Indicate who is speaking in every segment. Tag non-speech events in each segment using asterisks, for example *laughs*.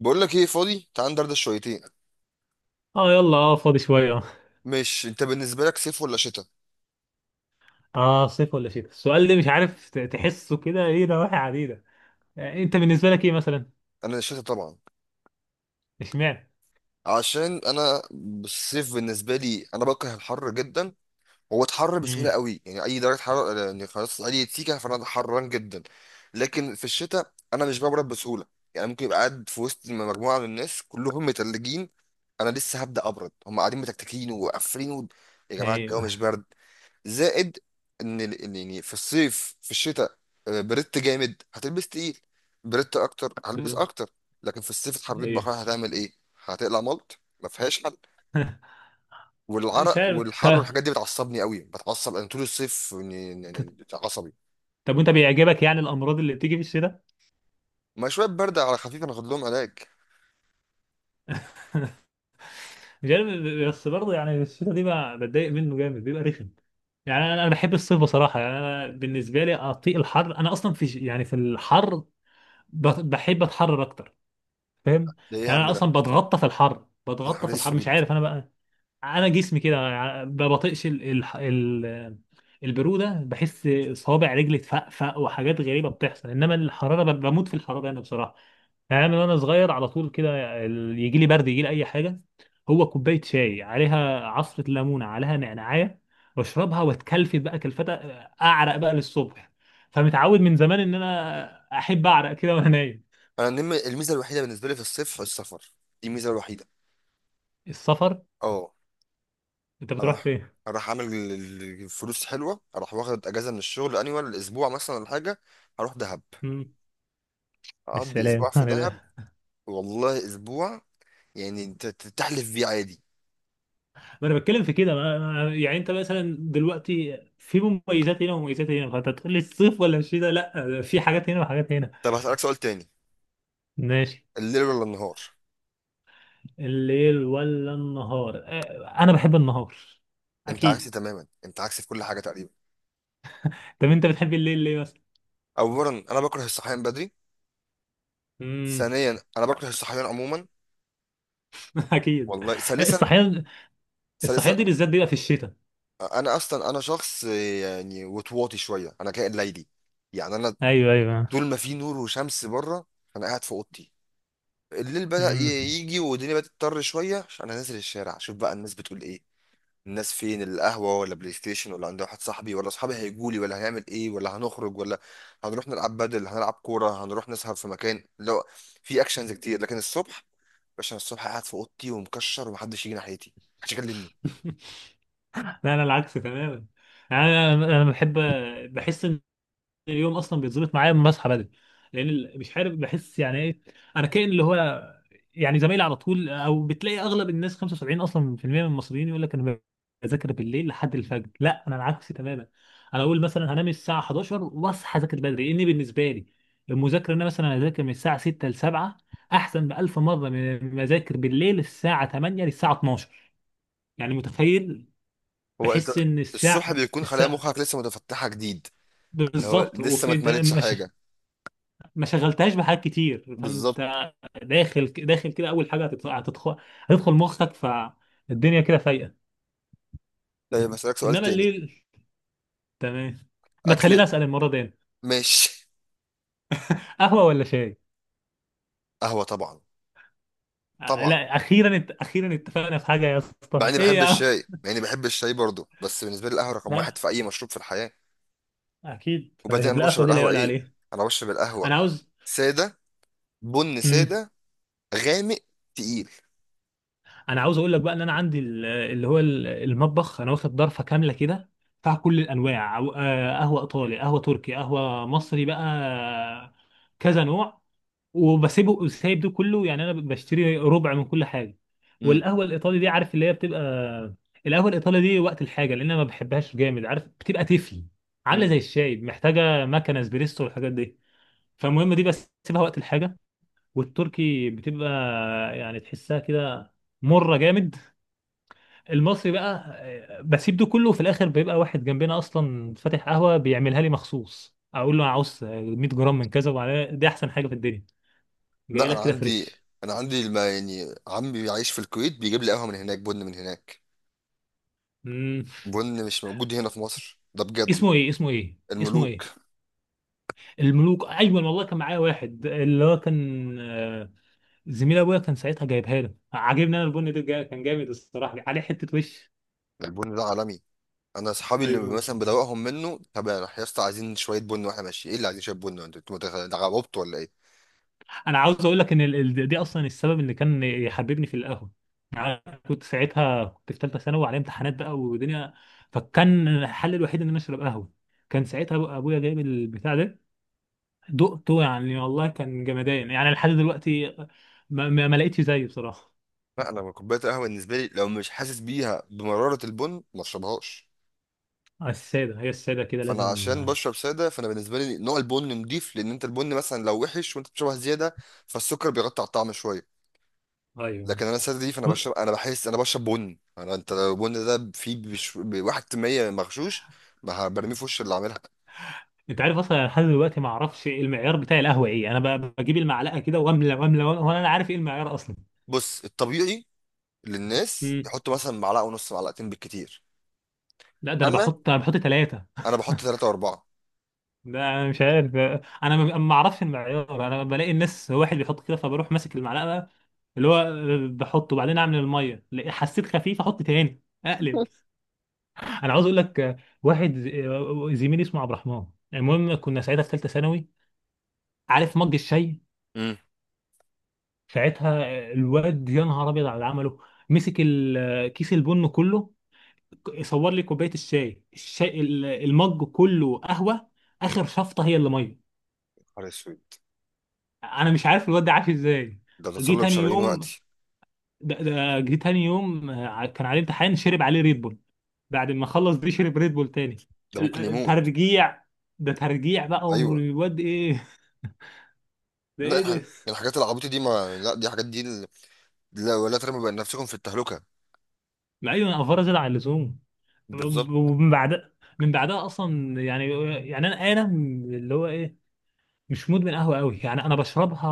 Speaker 1: بقول لك ايه؟ فاضي؟ تعال ندردش شويتين.
Speaker 2: اه، يلا، اه فاضي شويه
Speaker 1: مش انت بالنسبه لك صيف ولا شتاء؟
Speaker 2: صيف ولا شتاء، السؤال ده مش عارف تحسه كده ايه، نواحي عديده. يعني انت بالنسبه لك ايه مثلا؟
Speaker 1: انا شتاء طبعا.
Speaker 2: اشمعنى؟
Speaker 1: عشان انا الصيف بالنسبه لي، انا بكره الحر جدا. هو اتحر بسهوله
Speaker 2: امم.
Speaker 1: قوي، يعني اي درجه حراره يعني خلاص اي سيكه فانا حران جدا. لكن في الشتاء انا مش ببرد بسهوله، يعني ممكن يبقى قاعد في وسط مجموعه من الناس كلهم متلجين، انا لسه هبدا ابرد، هم قاعدين متكتكين وقافلين يا جماعه الجو
Speaker 2: ايوه.
Speaker 1: مش برد. زائد ان ال- إن يعني في الصيف في الشتاء، بردت جامد هتلبس تقيل، بردت اكتر
Speaker 2: *laughs*
Speaker 1: هلبس
Speaker 2: بالظبط.
Speaker 1: اكتر. لكن في الصيف اتحررت
Speaker 2: ايوه،
Speaker 1: بقى هتعمل ايه؟ هتقلع ملط ما فيهاش حل.
Speaker 2: مش
Speaker 1: والعرق
Speaker 2: عارف.
Speaker 1: والحر والحاجات دي بتعصبني قوي، بتعصب انا طول الصيف إني- إني-
Speaker 2: طب
Speaker 1: إني عصبي.
Speaker 2: طب وانت بيعجبك يعني الامراض اللي بتيجي في الشتاء؟
Speaker 1: ما شويه برد على خفيف انا اخد لهم علاج.
Speaker 2: *laughs* مش عارف، بس برضه يعني الشتاء دي بقى بتضايق منه جامد، بيبقى رخم. يعني انا بحب الصيف بصراحه، يعني انا بالنسبه لي اطيق الحر. انا اصلا في يعني في الحر بحب اتحرر اكتر، فاهم؟
Speaker 1: ده ايه يا
Speaker 2: يعني
Speaker 1: عم
Speaker 2: انا
Speaker 1: ده؟
Speaker 2: اصلا بتغطى في الحر،
Speaker 1: يا
Speaker 2: بتغطى
Speaker 1: نهار
Speaker 2: في الحر، مش
Speaker 1: اسود.
Speaker 2: عارف انا بقى. انا جسمي كده، ما بطيقش ال... ال... البروده. بحس صوابع رجلي تفقفق وحاجات غريبه بتحصل، انما الحراره بموت في الحراره انا، بصراحه. يعني انا من وانا صغير على طول كده، يجي لي برد، يجي لي اي حاجه، هو كوبايه شاي عليها عصره ليمونه، عليها نعناعيه، واشربها واتكلفت بقى كلفتها، اعرق بقى للصبح. فمتعود من زمان ان انا احب اعرق كده وانا نايم.
Speaker 1: انا الميزه الوحيده بالنسبه لي في الصيف السفر. دي الميزه الوحيده.
Speaker 2: السفر؟
Speaker 1: اه.
Speaker 2: انت بتروح
Speaker 1: اروح
Speaker 2: فين؟
Speaker 1: اروح اعمل فلوس حلوه، اروح واخد اجازه من الشغل انيوال اسبوع مثلا ولا حاجه، اروح دهب،
Speaker 2: مم.
Speaker 1: اقضي
Speaker 2: السلام.
Speaker 1: اسبوع في دهب.
Speaker 2: *laughs*
Speaker 1: والله اسبوع، يعني انت تحلف بيه عادي.
Speaker 2: ما انا بتكلم في كده، يعني انت مثلا دلوقتي في مميزات هنا ومميزات هنا، فانت تقول لي الصيف ولا الشتاء؟ لا، في حاجات هنا وحاجات هنا.
Speaker 1: طب هسألك سؤال تاني،
Speaker 2: ماشي.
Speaker 1: الليل ولا النهار؟
Speaker 2: الليل ولا النهار؟ انا بحب النهار،
Speaker 1: انت عكسي
Speaker 2: اكيد.
Speaker 1: تماما، انت عكسي في كل حاجه تقريبا.
Speaker 2: طب انت بتحب الليل ليه مثلا؟
Speaker 1: اولا انا بكره الصحيان بدري،
Speaker 2: امم.
Speaker 1: ثانيا انا بكره الصحيان عموما.
Speaker 2: *laughs* اكيد.
Speaker 1: والله ثالثا.
Speaker 2: الصحيان؟
Speaker 1: ثالثا
Speaker 2: الصحيان دي بالذات بيبقى في الشتاء.
Speaker 1: انا اصلا انا شخص يعني وطواطي شويه، انا كائن ليلي. يعني انا
Speaker 2: ايوه، ايوه.
Speaker 1: طول ما في نور وشمس بره انا قاعد في اوضتي. الليل
Speaker 2: امم.
Speaker 1: يجي والدنيا بدأت تضطر شوية عشان أنا نازل الشارع أشوف بقى الناس بتقول إيه. الناس فين؟ القهوة ولا بلاي ستيشن ولا عند واحد صاحبي ولا صحابي هيجولي ولا هنعمل إيه ولا هنخرج ولا هنروح نلعب بدل هنلعب كورة، هنروح نسهر في مكان لو في أكشنز كتير. لكن الصبح، باشا أنا الصبح قاعد في أوضتي ومكشر ومحدش يجي ناحيتي، محدش يكلمني.
Speaker 2: *laughs* لا، انا العكس تماما. انا انا أنا بحب، بحس ان اليوم اصلا بيتظبط معايا لما بصحى بدري، لان مش عارف بحس يعني ايه. انا كائن اللي هو، يعني زمايلي على طول. او بتلاقي اغلب الناس 75 اصلا في المية من المصريين يقول لك انا بذاكر بالليل لحد الفجر. لا، انا العكس تماما. انا اقول مثلا هنام الساعه 11 واصحى اذاكر بدري، لان بالنسبه لي المذاكره ان انا مثلا اذاكر من الساعه 6 ل 7 احسن بألف مره من ما اذاكر بالليل الساعه 8 للساعه 12. يعني متخيل؟
Speaker 1: هو أنت
Speaker 2: بحس ان
Speaker 1: الصبح
Speaker 2: الساعه
Speaker 1: بيكون خلايا
Speaker 2: الساعه
Speaker 1: مخك لسه متفتحة جديد، هو
Speaker 2: بالظبط،
Speaker 1: لسه ما
Speaker 2: وفي انت
Speaker 1: اتملتش حاجة.
Speaker 2: ما شغلتهاش بحاجات كتير، فانت
Speaker 1: بالظبط.
Speaker 2: داخل داخل كده، اول حاجه هتدخل مخك فالدنيا كده فايقه.
Speaker 1: طيب هسألك سؤال
Speaker 2: انما
Speaker 1: تاني،
Speaker 2: الليل، تمام، ما تخليني
Speaker 1: أكل.
Speaker 2: اسال المره دي أنا.
Speaker 1: ماشي.
Speaker 2: قهوه ولا شاي؟
Speaker 1: قهوة طبعا. طبعا
Speaker 2: لا، اخيرا اخيرا اتفقنا في حاجه يا
Speaker 1: مع
Speaker 2: اسطى.
Speaker 1: اني
Speaker 2: ايه
Speaker 1: بحب
Speaker 2: يا عم؟
Speaker 1: الشاي، مع اني بحب الشاي برضه، بس بالنسبه لي القهوه
Speaker 2: *laughs*
Speaker 1: رقم واحد
Speaker 2: لا،
Speaker 1: في اي مشروب في الحياه.
Speaker 2: أنا اكيد
Speaker 1: وبعدين انا بشرب
Speaker 2: القهوه دي لا
Speaker 1: القهوه
Speaker 2: يعلى
Speaker 1: ايه؟
Speaker 2: عليها.
Speaker 1: انا بشرب
Speaker 2: انا
Speaker 1: القهوه
Speaker 2: عاوز،
Speaker 1: ساده، بن
Speaker 2: مم.
Speaker 1: ساده، غامق، تقيل.
Speaker 2: انا عاوز اقول لك بقى ان انا عندي المطبخ انا واخد ضرفه كامله كده، بتاع كل الانواع، قهوه ايطالي، قهوه تركي، قهوه مصري بقى، كذا نوع. وبسيبه سايب ده كله، يعني انا بشتري ربع من كل حاجه.
Speaker 1: امم.
Speaker 2: والقهوه الايطالي دي، عارف اللي هي بتبقى، القهوه الايطالي دي وقت الحاجه لان انا ما بحبهاش جامد، عارف بتبقى تفل، عامله
Speaker 1: امم.
Speaker 2: زي الشاي، محتاجه مكنه اسبريسو والحاجات دي، فالمهم دي بسيبها وقت الحاجه. والتركي بتبقى، يعني تحسها كده مره جامد. المصري بقى، بسيب ده كله. وفي الاخر بيبقى واحد جنبنا اصلا فاتح قهوه بيعملها لي مخصوص، اقول له انا عاوز 100 جرام من كذا وعليها دي، احسن حاجه في الدنيا، جاي
Speaker 1: لا انا
Speaker 2: لك كده
Speaker 1: عندي،
Speaker 2: فريش.
Speaker 1: انا عندي الما، يعني عمي بيعيش في الكويت بيجيب لي قهوه من هناك، بن من هناك.
Speaker 2: مم.
Speaker 1: بن مش موجود هنا في مصر ده بجد.
Speaker 2: اسمه ايه؟ اسمه ايه؟ اسمه
Speaker 1: الملوك.
Speaker 2: ايه؟ الملوك، ايوه والله. كان معايا واحد اللي هو كان، زميل ابويا، كان ساعتها جايبها له، عاجبني انا البن ده كان جامد الصراحه، عليه حته وش.
Speaker 1: البن ده عالمي، انا اصحابي اللي
Speaker 2: ايوه.
Speaker 1: مثلا بدوقهم منه، طب يا يا اسطى عايزين شويه بن واحنا ماشيين، ايه اللي عايزين شويه بن؟ انتوا انتوا غبطتوا ولا ايه؟
Speaker 2: انا عاوز اقول لك ان دي اصلا السبب اللي كان يحببني في القهوه. يعني أنا كنت ساعتها في ثالثه ثانوي وعليا امتحانات بقى ودنيا، فكان الحل الوحيد ان انا اشرب قهوه. كان ساعتها ابويا جايب البتاع ده، دقته يعني والله كان جمدان يعني لحد دلوقتي ما لقيتش زيه بصراحه.
Speaker 1: لا انا كوبايه القهوه بالنسبه لي لو مش حاسس بيها بمراره البن ما اشربهاش.
Speaker 2: السادة، هي السادة كده
Speaker 1: فانا
Speaker 2: لازم.
Speaker 1: عشان بشرب ساده، فانا بالنسبه لي نوع البن نضيف، لان انت البن مثلا لو وحش وانت بتشربها زياده فالسكر بيغطي على الطعم شويه.
Speaker 2: ايوه.
Speaker 1: لكن انا ساده دي فانا
Speaker 2: و-
Speaker 1: بشرب، انا بحس انا بشرب بن، انا انت لو البن ده فيه بواحد في المية مغشوش ما برميه في وش اللي عاملها.
Speaker 2: انت عارف اصلا أنا لحد دلوقتي ما اعرفش إيه المعيار بتاع القهوة. ايه، انا بجيب المعلقة كده واملى واملى وأملى، وانا لا عارف ايه المعيار اصلا.
Speaker 1: بص الطبيعي للناس
Speaker 2: مم.
Speaker 1: يحطوا مثلا معلقه ونص، معلقتين بالكتير.
Speaker 2: لا، ده انا
Speaker 1: انا
Speaker 2: بحط انا بحط ثلاثة.
Speaker 1: بحط
Speaker 2: *laughs*
Speaker 1: ثلاثه واربعه.
Speaker 2: ده انا مش عارف. انا ما اعرفش المعيار، انا بلاقي الناس واحد بيحط كده، فبروح ماسك المعلقة اللي هو، بحطه وبعدين اعمل المية، حسيت خفيف احط تاني اقلب. انا عاوز اقول لك، واحد زميلي اسمه عبد الرحمن، المهم كنا ساعتها في ثالثة ثانوي، عارف مج الشاي،
Speaker 1: امم.
Speaker 2: ساعتها الواد يا نهار ابيض على اللي عمله، مسك كيس البن كله، صور لي كوبايه الشاي، المج كله قهوه، اخر شفطه هي اللي ميه.
Speaker 1: نهار اسود.
Speaker 2: انا مش عارف الواد ده عاش ازاي.
Speaker 1: ده
Speaker 2: جه
Speaker 1: تصلب
Speaker 2: تاني
Speaker 1: شرايين
Speaker 2: يوم،
Speaker 1: وقتي.
Speaker 2: ده جه تاني يوم، كان عليه امتحان، شرب عليه ريد بول، بعد ما خلص دي شرب ريد بول تاني.
Speaker 1: ده ممكن يموت.
Speaker 2: ترجيع، ده ترجيع بقى،
Speaker 1: ايوه.
Speaker 2: والواد ايه. *laughs* ده
Speaker 1: لا،
Speaker 2: ايه
Speaker 1: الحاجات
Speaker 2: ده؟
Speaker 1: الحاجات العبيطة دي ما، لا دي حاجات دي لا ولا ترموا بين نفسكم في التهلكة.
Speaker 2: ما ايوه، افرز على اللزوم.
Speaker 1: بالظبط.
Speaker 2: ومن بعد، من بعدها اصلا يعني، يعني انا اللي هو ايه، مش مدمن قهوه قوي، يعني انا بشربها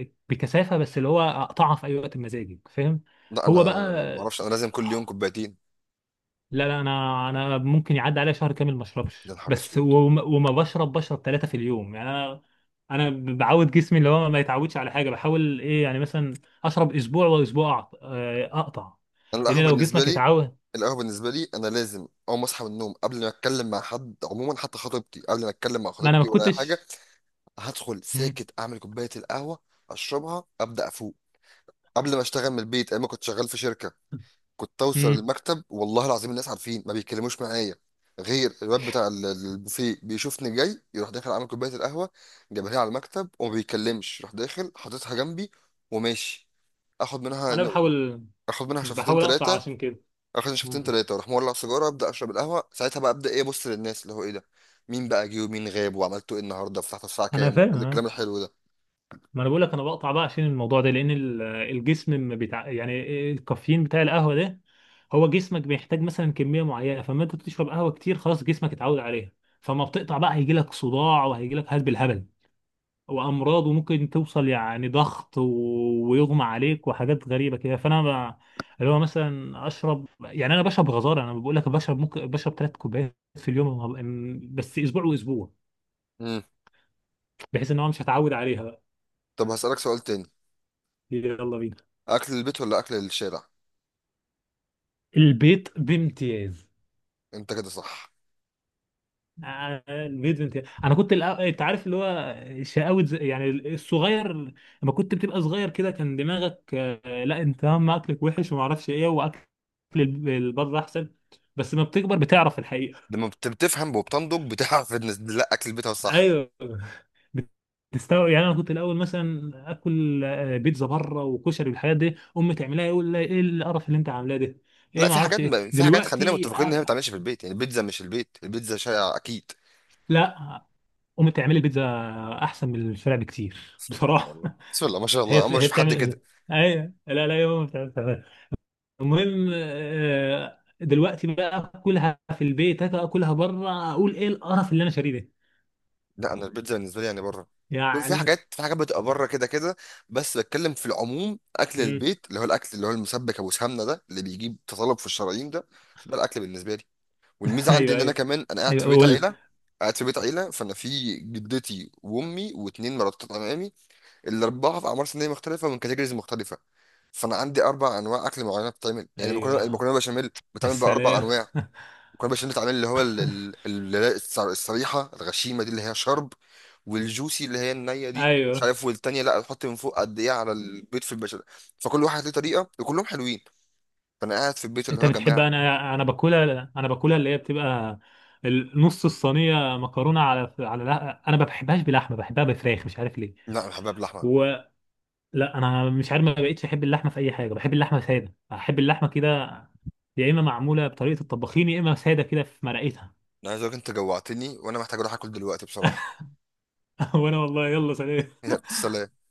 Speaker 2: بكثافه، بس اللي هو اقطعها في اي وقت مزاجي، فاهم؟
Speaker 1: لا انا،
Speaker 2: هو بقى
Speaker 1: ما اعرفش انا لازم كل يوم
Speaker 2: آه،
Speaker 1: كوبايتين.
Speaker 2: لا، لا، انا ممكن يعدي عليا شهر كامل ما
Speaker 1: يا
Speaker 2: اشربش،
Speaker 1: نهار
Speaker 2: بس
Speaker 1: اسود.
Speaker 2: وما بشرب ثلاثه في اليوم. يعني انا، انا بعود جسمي اللي هو ما يتعودش على حاجه. بحاول ايه يعني، مثلا اشرب اسبوع واسبوع اقطع،
Speaker 1: انا القهوة
Speaker 2: لان لو
Speaker 1: بالنسبة
Speaker 2: جسمك
Speaker 1: لي،
Speaker 2: يتعود.
Speaker 1: القهوة بالنسبة لي انا لازم اول ما اصحى من النوم قبل ما اتكلم مع حد عموما، حتى خطيبتي، قبل ما اتكلم مع
Speaker 2: ما انا ما
Speaker 1: خطيبتي ولا اي حاجة
Speaker 2: كنتش.
Speaker 1: هدخل
Speaker 2: مم.
Speaker 1: ساكت اعمل كوباية القهوة اشربها ابدا افوق. قبل ما اشتغل من البيت ايام ما كنت شغال في شركة كنت اوصل
Speaker 2: مم.
Speaker 1: المكتب والله العظيم الناس عارفين ما بيتكلموش معايا، غير الواد بتاع البوفيه بيشوفني جاي يروح داخل عامل كوبايه القهوه جايبها لي على المكتب وما بيتكلمش، راح داخل حاططها جنبي وماشي. اخد منها
Speaker 2: انا بحاول
Speaker 1: اخد منها شفتين
Speaker 2: بحاول اقطع
Speaker 1: ثلاثه،
Speaker 2: عشان كده.
Speaker 1: اخد شفتين
Speaker 2: مم.
Speaker 1: ثلاثه واروح مولع سيجاره ابدا اشرب القهوه ساعتها، بقى ابدا ايه، ابص للناس اللي هو ايه ده، مين بقى جه ومين غاب وعملته ايه النهارده، فتحت الساعه
Speaker 2: انا
Speaker 1: كام،
Speaker 2: فاهم،
Speaker 1: وكل الكلام
Speaker 2: ها.
Speaker 1: الحلو ده.
Speaker 2: ما انا بقول لك انا بقطع بقى عشان الموضوع ده، لان الجسم، ما بتاع يعني الكافيين بتاع القهوه ده، هو جسمك بيحتاج مثلا كميه معينه، فما انت بتشرب قهوه كتير خلاص جسمك اتعود عليها، فما بتقطع بقى هيجي لك صداع وهيجي لك هلب الهبل وامراض، وممكن توصل يعني ضغط ويغمى عليك وحاجات غريبه كده. فانا ب... اللي هو مثلا اشرب، يعني انا بشرب غزاره انا بقول لك، بشرب ممكن، بشرب 3 كوبايات في اليوم، بس اسبوع واسبوع،
Speaker 1: امم.
Speaker 2: بحيث ان هو مش هتعود عليها بقى.
Speaker 1: طب هسالك سؤال تاني،
Speaker 2: يلا بينا.
Speaker 1: اكل البيت ولا اكل الشارع؟
Speaker 2: البيت بامتياز.
Speaker 1: انت كده صح.
Speaker 2: البيت بامتياز. انا كنت انت عارف اللي هو، شقاوة يعني الصغير، لما كنت بتبقى صغير كده كان دماغك، لا انت، هم اكلك وحش وما اعرفش ايه، واكل البر احسن، بس لما بتكبر بتعرف الحقيقة.
Speaker 1: لما بتفهم وبتنضج بتعرف ان، لا اكل البيت هو الصح.
Speaker 2: ايوه، بتستوعب. يعني انا كنت الاول مثلا اكل، بيتزا بره وكشري والحاجات دي، امي تعملها يقول لي ايه القرف اللي انت عاملاه ده، ايه
Speaker 1: لا
Speaker 2: ما
Speaker 1: في
Speaker 2: اعرفش
Speaker 1: حاجات،
Speaker 2: ايه.
Speaker 1: في حاجات خلينا
Speaker 2: دلوقتي
Speaker 1: متفقين ان هي ما
Speaker 2: آه،
Speaker 1: بتتعملش في البيت، يعني البيتزا مش البيت، البيتزا شائعه اكيد.
Speaker 2: لا، امي بتعمل البيتزا احسن من الفرع بكتير،
Speaker 1: بسم الله ما شاء
Speaker 2: بصراحه.
Speaker 1: الله، بسم الله ما شاء
Speaker 2: *laughs*
Speaker 1: الله،
Speaker 2: هي،
Speaker 1: اول مره اشوف حد كده.
Speaker 2: بتعمل، ايوه، لا، لا، يا ماما بتعمل. المهم، دلوقتي بقى اكلها في البيت، أجي اكلها بره اقول ايه القرف اللي انا شاريه ده،
Speaker 1: لا انا البيتزا بالنسبه لي يعني بره، في
Speaker 2: يعني.
Speaker 1: حاجات، في حاجات بتبقى بره كده كده. بس بتكلم في العموم اكل
Speaker 2: مم.
Speaker 1: البيت، اللي هو الاكل اللي هو المسبك ابو سمنه ده اللي بيجيب تطلب في الشرايين ده، ده الاكل بالنسبه لي.
Speaker 2: *laughs*
Speaker 1: والميزه عندي
Speaker 2: ايوه،
Speaker 1: ان انا
Speaker 2: ايوه،
Speaker 1: كمان انا قاعد
Speaker 2: ايوه،
Speaker 1: في بيت
Speaker 2: اقول
Speaker 1: عيله، قاعد في بيت عيله، فانا في جدتي وامي واتنين مرات عمامي، الاربعه في اعمار سنيه مختلفه، من كاتيجوريز مختلفه. فانا عندي اربع انواع اكل معينه بتتعمل، يعني المكرونه،
Speaker 2: ايوه.
Speaker 1: المكرونه بشاميل بتتعمل باربع
Speaker 2: السلام.
Speaker 1: انواع.
Speaker 2: *laughs*
Speaker 1: المكرونه بشاميل بتتعمل اللي هو الصريحه الغشيمه دي اللي هي شرب، والجوسي اللي هي النيه دي مش
Speaker 2: ايوه،
Speaker 1: عارف، والتانيه لا تحط من فوق قد ايه على البيض في البشاميل. فكل واحد ليه طريقه وكلهم حلوين، فانا قاعد في البيت اللي هو
Speaker 2: انت
Speaker 1: يا
Speaker 2: بتحب.
Speaker 1: جماعه.
Speaker 2: انا باكلها اللي هي بتبقى نص الصينيه مكرونه. على لا، انا ما بحبهاش بلحمه، بحبها بفراخ، مش عارف ليه.
Speaker 1: لا انا حباب لحمه.
Speaker 2: و... لا، انا مش عارف، ما بقتش احب اللحمه في اي حاجه، بحب اللحمه ساده، احب اللحمه كده، يا اما معموله بطريقه الطباخين، يا اما ساده كده في مرقتها.
Speaker 1: انا عايز اقولك انت جوعتني وانا محتاج اروح اكل دلوقتي بصراحه.
Speaker 2: *laughs* وانا والله، يلا، سلام.
Speaker 1: *laughs* يلا، سلام.